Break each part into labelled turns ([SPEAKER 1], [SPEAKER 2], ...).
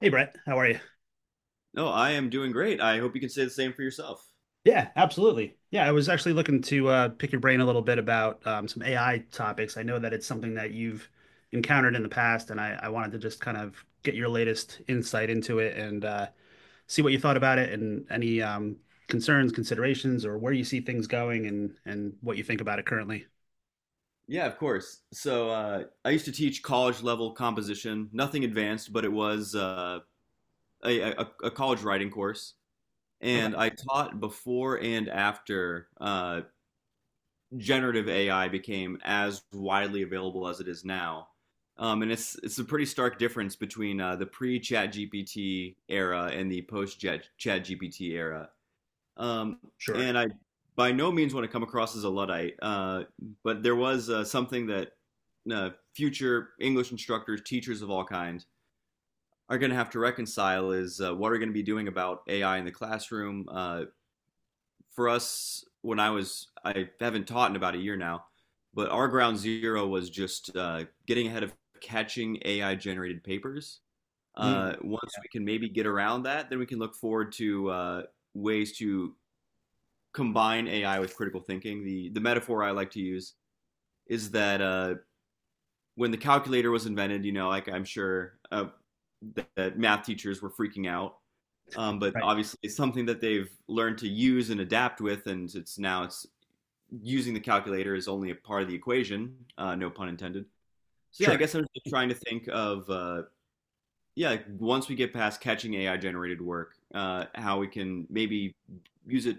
[SPEAKER 1] Hey Brett, how are you?
[SPEAKER 2] No, I am doing great. I hope you can say the same for yourself.
[SPEAKER 1] Yeah, absolutely. Yeah, I was actually looking to pick your brain a little bit about some AI topics. I know that it's something that you've encountered in the past, and I wanted to just kind of get your latest insight into it and see what you thought about it and any concerns, considerations, or where you see things going and what you think about it currently.
[SPEAKER 2] Yeah, of course. So I used to teach college level composition, nothing advanced, but it was a college writing course. And
[SPEAKER 1] Okay,
[SPEAKER 2] I taught before and after generative AI became as widely available as it is now. And it's a pretty stark difference between the pre ChatGPT era and the post ChatGPT era. Um,
[SPEAKER 1] sure.
[SPEAKER 2] and I by no means want to come across as a Luddite, but there was something that uh, future English instructors, teachers of all kinds, are going to have to reconcile is what are we going to be doing about AI in the classroom. For us, when I was, I haven't taught in about a year now, but our ground zero was just getting ahead of catching AI generated papers.
[SPEAKER 1] Mm,
[SPEAKER 2] Once we can maybe get around that, then we can look forward to ways to combine AI with critical thinking. The metaphor I like to use is that when the calculator was invented, like I'm sure that, that math teachers were freaking out, but
[SPEAKER 1] right.
[SPEAKER 2] obviously it's something that they've learned to use and adapt with, and it's now it's using the calculator is only a part of the equation, no pun intended. So yeah, I
[SPEAKER 1] Sure.
[SPEAKER 2] guess I'm just trying to think of yeah, like, once we get past catching AI generated work, how we can maybe use it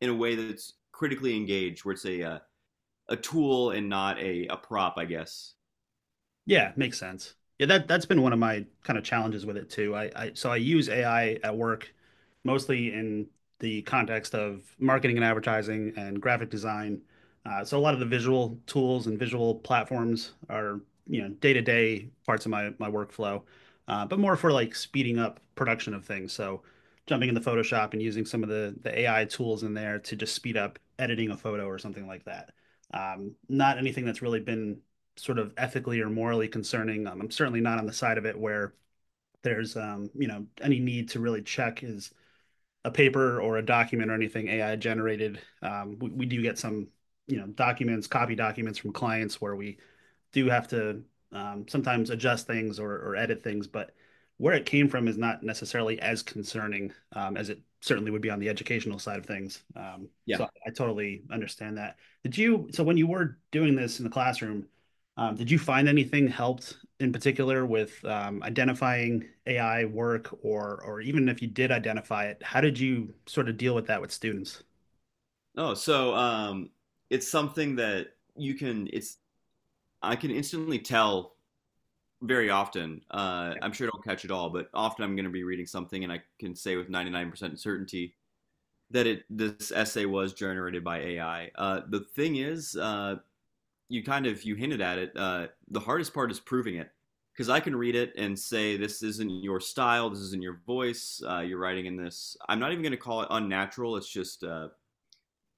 [SPEAKER 2] in a way that's critically engaged, where it's a tool and not a prop, I guess.
[SPEAKER 1] Yeah, makes sense. Yeah, that's been one of my kind of challenges with it too. I so I use AI at work mostly in the context of marketing and advertising and graphic design. So a lot of the visual tools and visual platforms are, you know, day-to-day parts of my workflow, but more for like speeding up production of things. So jumping into Photoshop and using some of the AI tools in there to just speed up editing a photo or something like that. Not anything that's really been sort of ethically or morally concerning. I'm certainly not on the side of it where there's you know, any need to really check is a paper or a document or anything AI generated. We do get some, you know, documents, copy documents from clients where we do have to sometimes adjust things or edit things, but where it came from is not necessarily as concerning as it certainly would be on the educational side of things. Um, so
[SPEAKER 2] Yeah.
[SPEAKER 1] I, I totally understand that. So when you were doing this in the classroom, did you find anything helped in particular with identifying AI work, or even if you did identify it, how did you sort of deal with that with students?
[SPEAKER 2] Oh, so it's something that you can. It's I can instantly tell very often. I'm sure I don't catch it all, but often I'm going to be reading something and I can say with 99% certainty that it this essay was generated by AI. The thing is, you kind of you hinted at it. The hardest part is proving it because I can read it and say this isn't your style, this isn't your voice. You're writing in this. I'm not even going to call it unnatural. It's just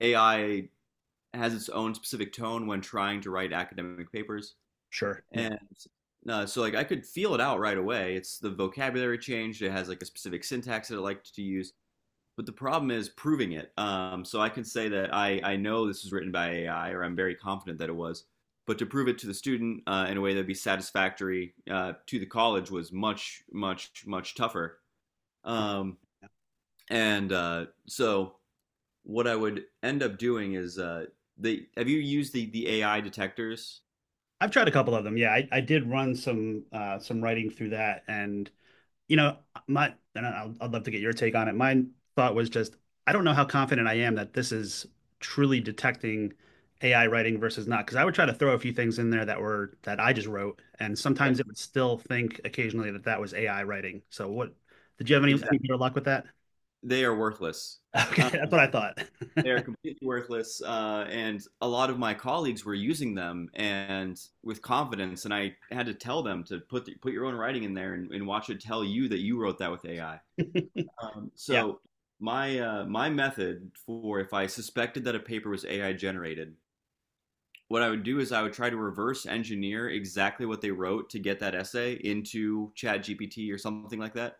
[SPEAKER 2] AI has its own specific tone when trying to write academic papers,
[SPEAKER 1] Sure. Yeah.
[SPEAKER 2] and so like I could feel it out right away. It's the vocabulary changed. It has like a specific syntax that it liked to use but the problem is proving it. So I can say that I know this was written by AI, or I'm very confident that it was. But to prove it to the student in a way that'd be satisfactory to the college was much, much, much tougher. Um, and so what I would end up doing is they have you used the AI detectors?
[SPEAKER 1] I've tried a couple of them. Yeah, I did run some writing through that, and, you know, I'd love to get your take on it. My thought was just, I don't know how confident I am that this is truly detecting AI writing versus not, because I would try to throw a few things in there that I just wrote, and
[SPEAKER 2] Yeah,
[SPEAKER 1] sometimes it would still think occasionally that that was AI writing. So what, did you have any
[SPEAKER 2] exactly.
[SPEAKER 1] better luck with that?
[SPEAKER 2] They are worthless.
[SPEAKER 1] Okay,
[SPEAKER 2] Um,
[SPEAKER 1] that's what I thought.
[SPEAKER 2] They are completely worthless. And a lot of my colleagues were using them and with confidence. And I had to tell them to put the, put your own writing in there and watch it tell you that you wrote that with AI.
[SPEAKER 1] Yeah.
[SPEAKER 2] So my my method for if I suspected that a paper was AI generated, what I would do is I would try to reverse engineer exactly what they wrote to get that essay into ChatGPT or something like that.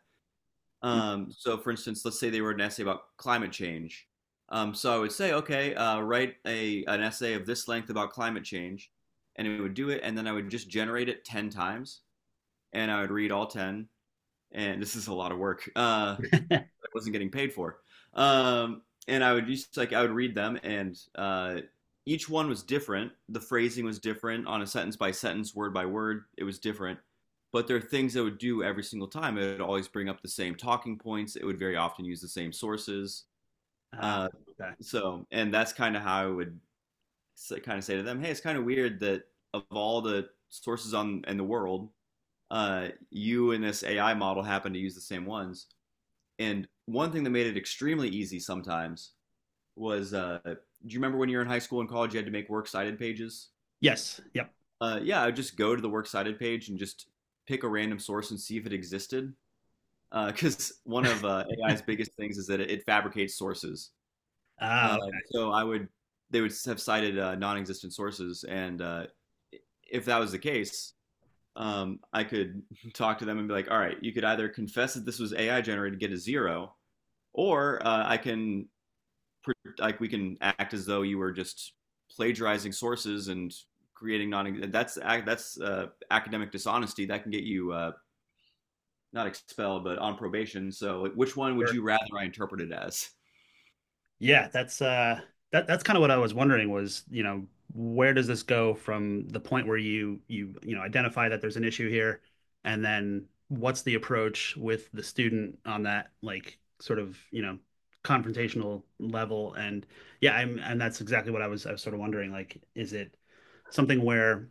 [SPEAKER 2] So, for instance, let's say they wrote an essay about climate change. So I would say, okay, write a an essay of this length about climate change, and it would do it, and then I would just generate it ten times, and I would read all ten. And this is a lot of work. Wasn't getting paid for. Um, and I would just like I would read them, and each one was different. The phrasing was different on a sentence by sentence, word by word. It was different, but there are things I would do every single time. It would always bring up the same talking points. It would very often use the same sources.
[SPEAKER 1] Ah,
[SPEAKER 2] Uh,
[SPEAKER 1] okay.
[SPEAKER 2] so, and that's kind of how I would kind of say to them, "Hey, it's kind of weird that of all the sources on in the world, you and this AI model happen to use the same ones." And one thing that made it extremely easy sometimes was do you remember when you were in high school and college, you had to make works cited pages?
[SPEAKER 1] Yes. Yep.
[SPEAKER 2] Yeah, I would just go to the works cited page and just pick a random source and see if it existed. Because one of AI's biggest things is that it fabricates sources.
[SPEAKER 1] Ah,
[SPEAKER 2] Uh,
[SPEAKER 1] okay.
[SPEAKER 2] so I would, they would have cited non-existent sources, and if that was the case, I could talk to them and be like, all right, you could either confess that this was AI generated, get a zero, or I can like we can act as though you were just plagiarizing sources and creating non that's academic dishonesty that can get you not expelled but on probation so like, which one would
[SPEAKER 1] Sure.
[SPEAKER 2] you rather I interpret it as.
[SPEAKER 1] Yeah, that's that's kind of what I was wondering was, you know, where does this go from the point where you know identify that there's an issue here, and then what's the approach with the student on that, like sort of, you know, confrontational level? And yeah, I'm and that's exactly what I was sort of wondering, like, is it something where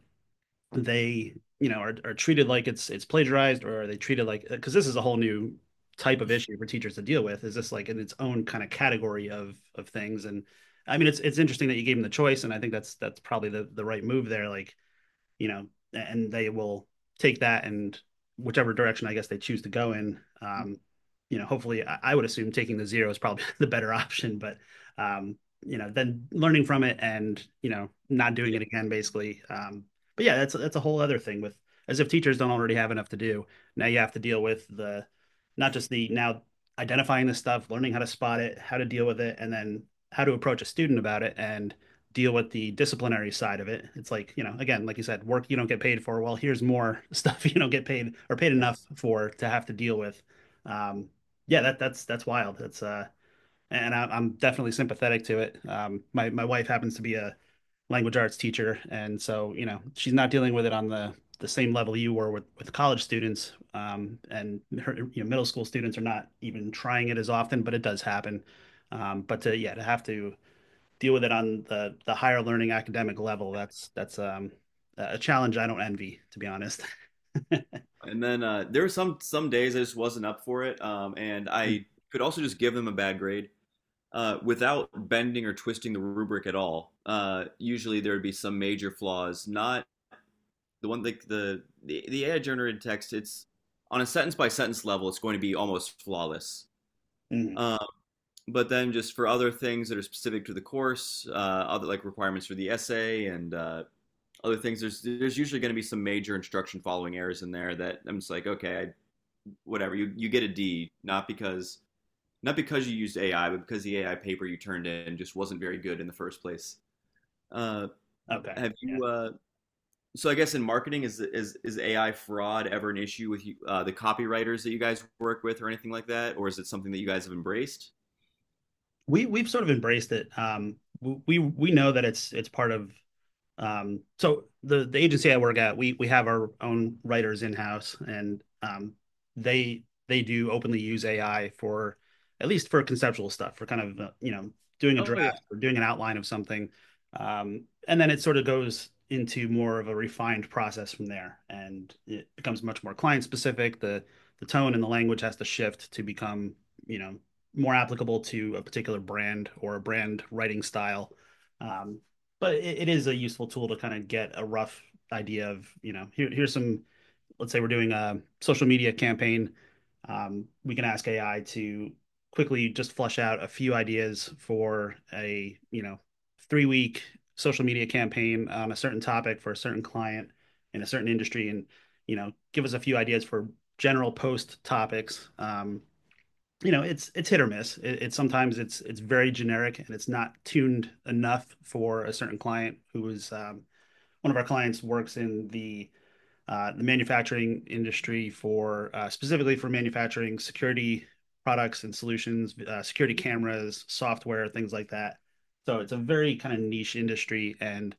[SPEAKER 1] they, you know, are treated like it's plagiarized, or are they treated like, because this is a whole new type of issue for teachers to deal with, is this like in its own kind of category of things? And I mean, it's interesting that you gave them the choice, and I think that's probably the right move there. Like, you know, and they will take that and whichever direction I guess they choose to go in. Hopefully I would assume taking the zero is probably the better option, but um, you know, then learning from it, and, you know, not doing
[SPEAKER 2] Yeah.
[SPEAKER 1] it again, basically. But yeah, that's a whole other thing with, as if teachers don't already have enough to do. Now you have to deal with the, not just the, now identifying this stuff, learning how to spot it, how to deal with it, and then how to approach a student about it. And deal with the disciplinary side of it. It's like, you know, again, like you said, work you don't get paid for. Well, here's more stuff you don't get paid, or paid
[SPEAKER 2] Yeah.
[SPEAKER 1] enough for, to have to deal with. Um, yeah, that that's wild. That's and I'm definitely sympathetic to it. My wife happens to be a language arts teacher, and so, you know, she's not dealing with it on the same level you were with college students. And her, you know, middle school students are not even trying it as often, but it does happen. But to, yeah, to have to deal with it on the higher learning academic level, that's a challenge I don't envy, to be honest.
[SPEAKER 2] And then there were some days I just wasn't up for it and I could also just give them a bad grade without bending or twisting the rubric at all usually there would be some major flaws not the one like the AI generated text, it's on a sentence by sentence level, it's going to be almost flawless.
[SPEAKER 1] Mhm.
[SPEAKER 2] Um, but then just for other things that are specific to the course, other like requirements for the essay and other things, there's usually going to be some major instruction following errors in there that I'm just like, okay, I, whatever. You get a D, not because not because you used AI, but because the AI paper you turned in just wasn't very good in the first place. Uh,
[SPEAKER 1] Okay,
[SPEAKER 2] have
[SPEAKER 1] yeah,
[SPEAKER 2] you so I guess in marketing, is AI fraud ever an issue with you, the copywriters that you guys work with or anything like that, or is it something that you guys have embraced?
[SPEAKER 1] we've sort of embraced it. We know that it's part of, so the agency I work at, we have our own writers in house, and they they do openly use AI for, at least for conceptual stuff, for kind of, you know, doing a
[SPEAKER 2] Oh yeah.
[SPEAKER 1] draft or doing an outline of something, and then it sort of goes into more of a refined process from there, and it becomes much more client specific. The tone and the language has to shift to become, you know, more applicable to a particular brand or a brand writing style. Um, but it is a useful tool to kind of get a rough idea of, you know, here, here's some, let's say we're doing a social media campaign, we can ask AI to quickly just flush out a few ideas for a, you know, three-week social media campaign on a certain topic for a certain client in a certain industry, and, you know, give us a few ideas for general post topics. You know, it's hit or miss. It, it's sometimes it's very generic, and it's not tuned enough for a certain client who is, one of our clients works in the manufacturing industry for specifically for manufacturing security products and solutions, security
[SPEAKER 2] Mhm.
[SPEAKER 1] cameras, software, things like that. So it's a very kind of niche industry, and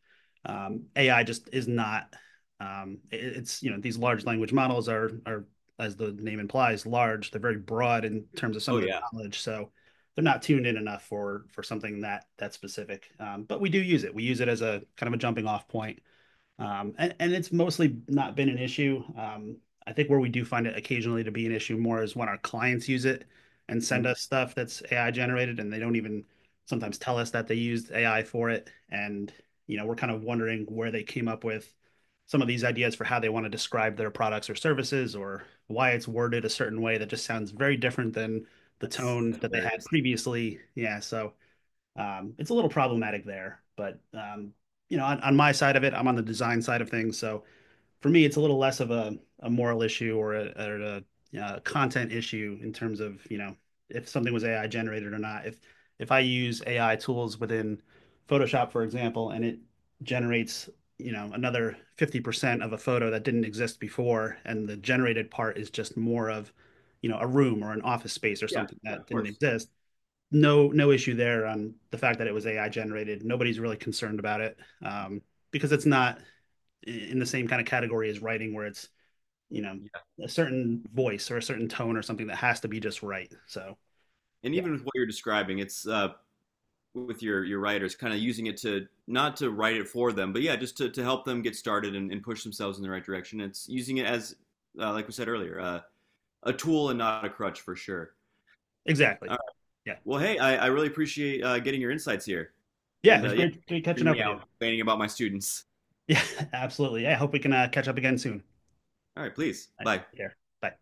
[SPEAKER 1] AI just is not. It's, you know, these large language models are, as the name implies, large. They're very broad in terms of some
[SPEAKER 2] Oh
[SPEAKER 1] of their
[SPEAKER 2] yeah.
[SPEAKER 1] knowledge, so they're not tuned in enough for something that that specific. But we do use it. We use it as a kind of a jumping-off point, and it's mostly not been an issue. I think where we do find it occasionally to be an issue more is when our clients use it and send
[SPEAKER 2] Mhm.
[SPEAKER 1] us stuff that's AI generated and they don't even sometimes tell us that they used AI for it. And, you know, we're kind of wondering where they came up with some of these ideas for how they want to describe their products or services, or why it's worded a certain way that just sounds very different than the
[SPEAKER 2] that's
[SPEAKER 1] tone
[SPEAKER 2] that's
[SPEAKER 1] that they had
[SPEAKER 2] hilarious.
[SPEAKER 1] previously. Yeah, so it's a little problematic there. But you know, on my side of it, I'm on the design side of things, so for me, it's a little less of a moral issue or a, content issue in terms of, you know, if something was AI generated or not. If I use AI tools within Photoshop, for example, and it generates, you know, another 50% of a photo that didn't exist before, and the generated part is just more of, you know, a room or an office space or
[SPEAKER 2] Yeah,
[SPEAKER 1] something
[SPEAKER 2] yeah,
[SPEAKER 1] that
[SPEAKER 2] of
[SPEAKER 1] didn't
[SPEAKER 2] course.
[SPEAKER 1] exist, no, no issue there on the fact that it was AI generated. Nobody's really concerned about it, um, because it's not in the same kind of category as writing, where it's, you know,
[SPEAKER 2] Yeah,
[SPEAKER 1] a certain voice or a certain tone or something that has to be just right. So
[SPEAKER 2] and
[SPEAKER 1] yeah,
[SPEAKER 2] even with what you're describing, it's with your writers, kind of using it to not to write it for them, but yeah, just to help them get started and push themselves in the right direction. It's using it as, like we said earlier, a tool and not a crutch for sure.
[SPEAKER 1] exactly. Yeah,
[SPEAKER 2] Well, hey, I really appreciate getting your insights here.
[SPEAKER 1] yeah. It
[SPEAKER 2] And
[SPEAKER 1] was
[SPEAKER 2] yeah,
[SPEAKER 1] great, great catching
[SPEAKER 2] hearing
[SPEAKER 1] up
[SPEAKER 2] me
[SPEAKER 1] with you.
[SPEAKER 2] out complaining about my students.
[SPEAKER 1] Yeah, absolutely. Yeah, I hope we can catch up again soon.
[SPEAKER 2] All right, please.
[SPEAKER 1] All right,
[SPEAKER 2] Bye.
[SPEAKER 1] take care. Bye.